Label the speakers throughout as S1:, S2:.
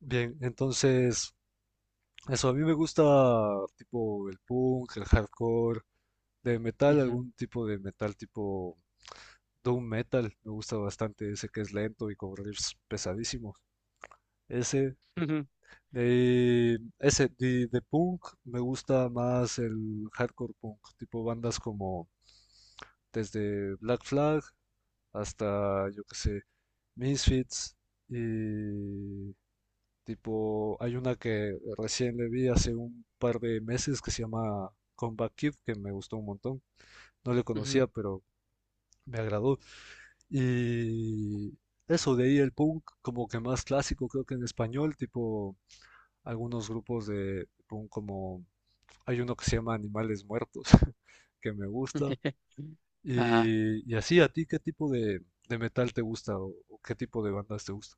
S1: Bien, entonces, eso, a mí me gusta tipo el punk, el hardcore, de metal,
S2: Ujú,
S1: algún tipo de metal tipo doom metal, me gusta bastante ese que es lento y con riffs pesadísimos. Ese,
S2: ujú,
S1: ese de punk me gusta más el hardcore punk, tipo bandas como desde Black Flag hasta, yo qué sé, Misfits y tipo, hay una que recién le vi hace un par de meses que se llama Combat Kid, que me gustó un montón. No le
S2: ujú.
S1: conocía, pero me agradó. Y eso, de ahí el punk como que más clásico, creo que en español, tipo algunos grupos de punk como hay uno que se llama Animales Muertos, que me gusta.
S2: Ajá.
S1: Y así, ¿a ti qué tipo de metal te gusta o qué tipo de bandas te gusta?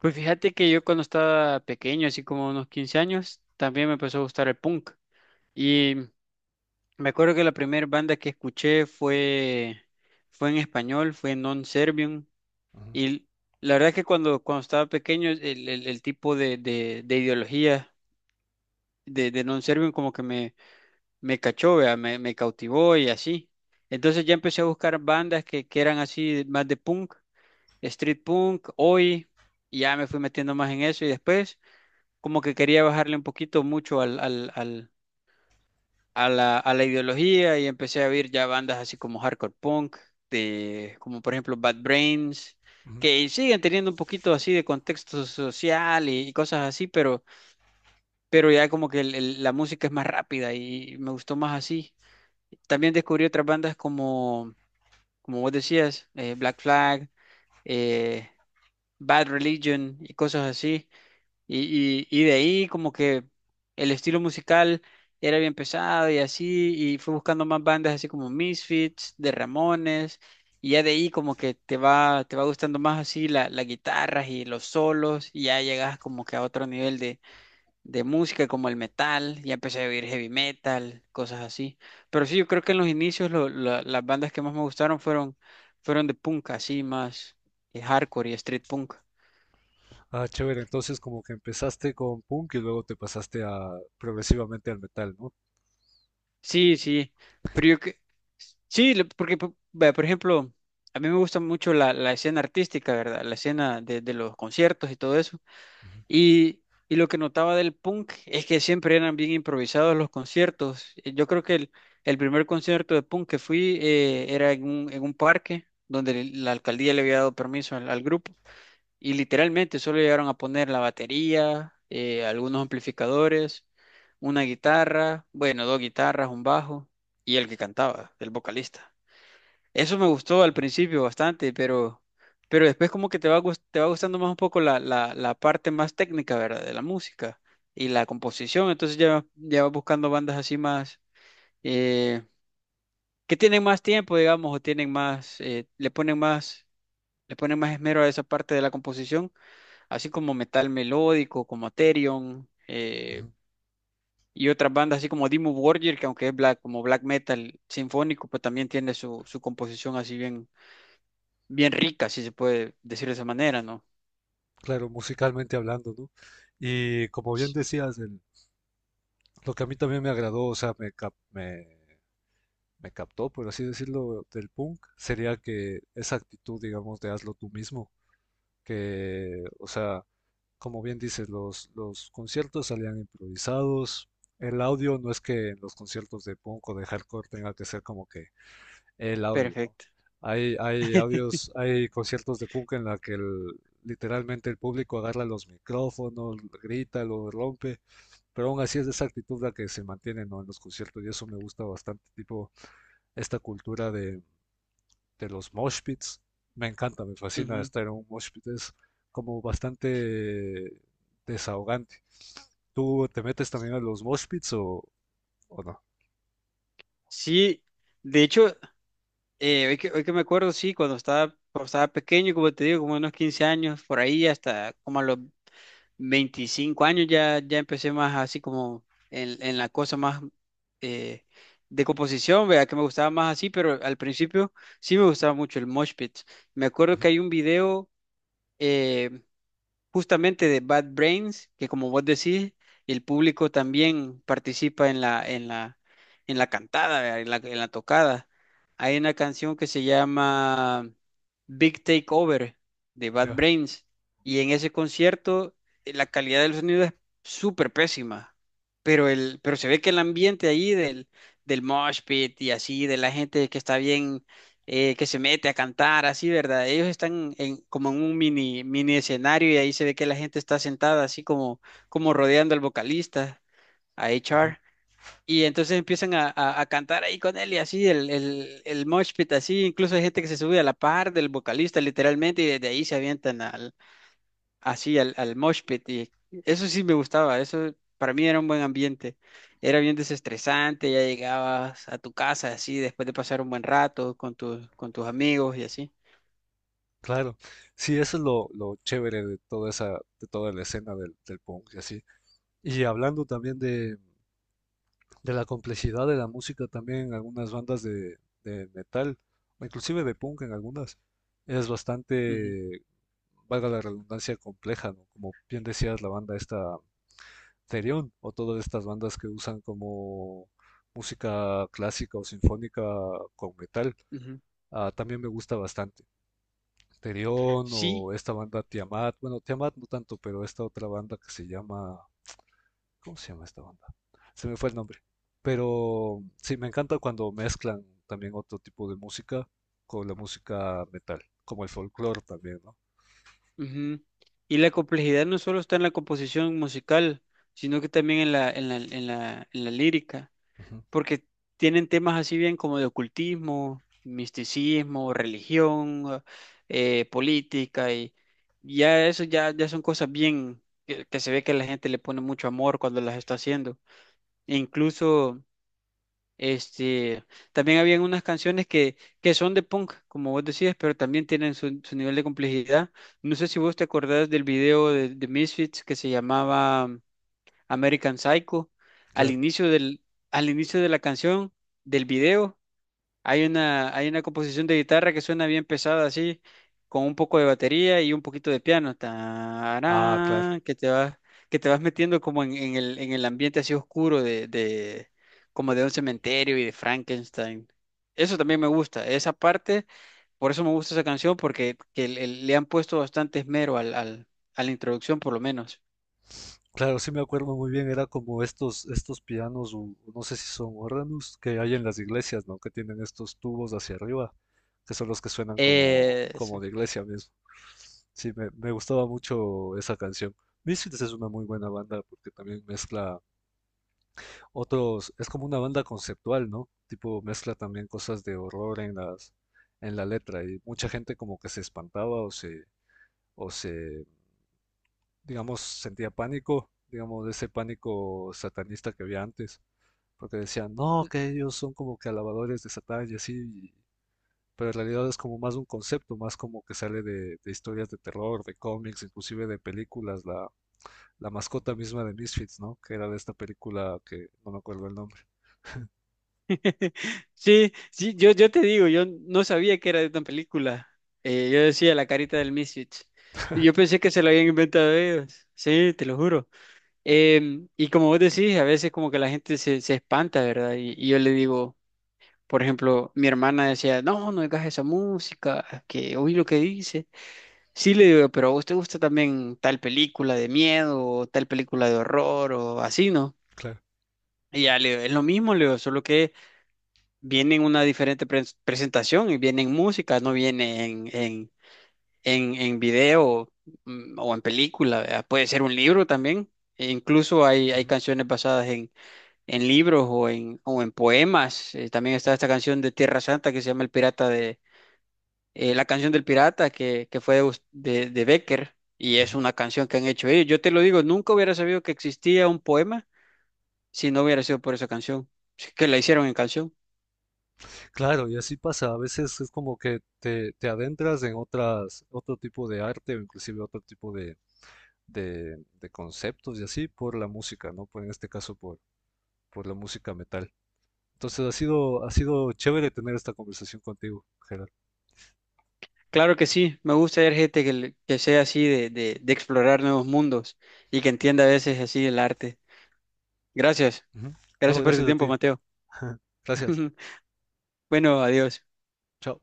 S2: Pues fíjate que yo cuando estaba pequeño, así como unos 15 años, también me empezó a gustar el punk. Y me acuerdo que la primera banda que escuché fue en español, fue Non Servium.
S1: Ujú,
S2: Y la verdad es que cuando estaba pequeño, el tipo de ideología de Non Servium como que me cachó, vea. Me cautivó y así. Entonces ya empecé a buscar bandas que eran así, más de punk. Street punk, hoy, y ya me fui metiendo más en eso y después como que quería bajarle un poquito mucho a la ideología y empecé a oír ya bandas así como hardcore punk, como por ejemplo Bad Brains,
S1: ujú.
S2: que siguen teniendo un poquito así de contexto social y cosas así, pero ya como que la música es más rápida y me gustó más así. También descubrí otras bandas como, como vos decías, Black Flag, eh, Bad Religion y cosas así. Y de ahí como que el estilo musical era bien pesado y así, y fue buscando más bandas así como Misfits, de Ramones, y ya de ahí como que te va gustando más así las guitarras y los solos, y ya llegas como que a otro nivel de música como el metal, ya empecé a oír heavy metal, cosas así. Pero sí, yo creo que en los inicios las bandas que más me gustaron fueron de punk, así más hardcore y street punk.
S1: Ah, chévere. Entonces, como que empezaste con punk y luego te pasaste a progresivamente al metal, ¿no?
S2: Sí, sí, pero yo que sí, porque vea, por ejemplo, a mí me gusta mucho la escena artística, ¿verdad? La escena de los conciertos y todo eso. Y, y lo que notaba del punk es que siempre eran bien improvisados los conciertos. Yo creo que el primer concierto de punk que fui era en un parque donde la alcaldía le había dado permiso al grupo. Y literalmente solo llegaron a poner la batería, algunos amplificadores, una guitarra, bueno, dos guitarras, un bajo y el que cantaba, el vocalista. Eso me gustó al
S1: Ujú,
S2: principio bastante, pero después como que te va gustando más un poco la parte más técnica, ¿verdad? De la música y la composición. Entonces ya, ya vas buscando bandas así más, eh, que tienen más tiempo, digamos, o tienen más, le ponen más esmero a esa parte de la composición así como metal melódico, como Therion,
S1: ujú.
S2: y otras bandas así como Dimmu Borgir, que aunque es black, como black metal sinfónico, pues también tiene su, su composición así bien, bien rica, si se puede decir de esa manera, ¿no?
S1: Claro, musicalmente hablando, ¿no? Y como bien decías, el lo que a mí también me agradó, o sea, me, cap- me captó, por así decirlo, del punk, sería que esa actitud, digamos, de hazlo tú mismo. Que, o sea, como bien dices, los conciertos salían improvisados. El audio no es que en los conciertos de punk o de hardcore tenga que ser como que el audio, ¿no?
S2: Perfecto.
S1: Hay audios, hay conciertos de punk en la que el literalmente el público agarra los micrófonos, grita, lo rompe, pero aún así es esa actitud la que se mantiene, ¿no? En los conciertos y eso me gusta bastante, tipo esta cultura de los mosh pits. Me encanta, me fascina
S2: Ujú.
S1: estar en un mosh pit. Es como bastante desahogante. ¿Tú te metes también a los mosh pits o no?
S2: Sí, de hecho, hoy que me acuerdo, sí, cuando estaba pequeño, como te digo, como unos 15 años, por ahí hasta como a los 25 años ya, ya empecé más así como en la cosa más eh, de composición, vea que me gustaba más así, pero al principio sí me gustaba mucho el mosh pit. Me acuerdo
S1: Ujú,
S2: que hay un video eh, justamente de Bad Brains, que como vos decís, el público también participa en la cantada, ¿verdad? En la tocada. Hay una canción que se llama Big Takeover de Bad
S1: ya.
S2: Brains y en ese concierto la calidad del sonido es súper pésima, pero, pero se ve que el ambiente ahí del mosh pit y así, de la gente que está bien que se mete a cantar, así, ¿verdad? Ellos están en, como en un mini, mini escenario y ahí se ve que la gente está sentada así como, como rodeando al vocalista, a HR. Y entonces empiezan a cantar ahí con él y así, el mosh pit así, incluso hay gente que se sube a la par del vocalista literalmente y desde ahí se avientan a, así al mosh pit y eso sí me gustaba, eso para mí era un buen ambiente, era bien desestresante, ya llegabas a tu casa así después de pasar un buen rato con tus amigos y así.
S1: Claro, sí, eso es lo chévere de toda esa, de toda la escena del, del punk y así. Y hablando también de la complejidad de la música, también algunas bandas de metal, o inclusive de punk en algunas, es
S2: Ujú,
S1: bastante, valga la redundancia, compleja, ¿no? Como bien decías, la banda esta Therion, o todas estas bandas que usan como música clásica o sinfónica con metal,
S2: ujú.
S1: ah, también me gusta bastante. Terión
S2: Sí,
S1: o esta banda Tiamat, bueno, Tiamat no tanto, pero esta otra banda que se llama, ¿cómo se llama esta banda? Se me fue el nombre. Pero sí, me encanta cuando mezclan también otro tipo de música con la música metal, como el folclore también, ¿no?
S2: ujú. Y la complejidad no solo está en la composición musical, sino que también en la lírica.
S1: Ujú,
S2: Porque tienen temas así bien como de ocultismo, misticismo, religión, política, y ya son cosas bien que se ve que la gente le pone mucho amor cuando las está haciendo. E incluso, este, también habían unas canciones que son de punk, como vos decías, pero también tienen su, su nivel de complejidad. No sé si vos te acordás del video de Misfits que se llamaba... American Psycho. Al
S1: claro.
S2: inicio del, al inicio de la canción, del video, hay una composición de guitarra que suena bien pesada así, con un poco de batería y un poquito de piano.
S1: Ah, claro.
S2: Tarán, que te vas metiendo como en, en el ambiente así oscuro como de un cementerio y de Frankenstein. Eso también me gusta, esa parte, por eso me gusta esa canción, porque que le le han puesto bastante esmero a la introducción, por lo menos.
S1: Claro, sí me acuerdo muy bien, era como estos, estos pianos, u- no sé si son órganos, que hay en las iglesias, ¿no? Que tienen estos tubos hacia arriba, que son los que suenan como,
S2: Eh,
S1: como de iglesia mismo. Sí, me gustaba mucho esa canción. Misfits es una muy buena banda porque también mezcla otros, es como una banda conceptual, ¿no? Tipo mezcla también cosas de horror en las, en la letra y mucha gente como que se espantaba o se digamos, sentía pánico, digamos, de ese pánico satanista que había antes, porque decían, no, que ellos son como que alabadores de Satán y así, y pero en realidad es como más un concepto, más como que sale de historias de terror, de cómics, inclusive de películas, la mascota misma de Misfits, ¿no? Que era de esta película que no me acuerdo el nombre,
S2: Sí, sí, yo te digo, yo no sabía que era de una película. Yo decía la carita del Misfits. Y yo pensé que se lo habían inventado ellos. Sí, te lo juro. Y como vos decís, a veces como que la gente se, se espanta, ¿verdad? Y yo le digo, por ejemplo, mi hermana decía, no, no digas esa música, que oí lo que dice. Sí, le digo, pero a vos te gusta también tal película de miedo o tal película de horror o así, ¿no?
S1: claro.
S2: Y ya le digo, es lo mismo, le digo, solo que viene en una diferente presentación y viene en música, no viene en video o en película, ¿verdad? Puede ser un libro también. E incluso hay canciones basadas en libros o o en poemas. También está esta canción de Tierra Santa que se llama El Pirata la canción del pirata que fue de Becker y es
S1: Ujú.
S2: una canción que han hecho ellos. Yo te lo digo, nunca hubiera sabido que existía un poema si no hubiera sido por esa canción, que la hicieron en canción.
S1: Claro, y así pasa. A veces es como que te adentras en otras, otro tipo de arte o inclusive otro tipo de conceptos y así por la música, ¿no? Por, en este caso por la música metal. Entonces ha sido chévere tener esta conversación contigo, Gerard.
S2: Claro que sí, me gusta ver gente que sea así de explorar nuevos mundos y que entienda a veces así el arte. Gracias,
S1: Ujú. No,
S2: gracias por tu
S1: gracias a
S2: tiempo,
S1: ti.
S2: Mateo.
S1: Gracias.
S2: Bueno, adiós.
S1: Chao.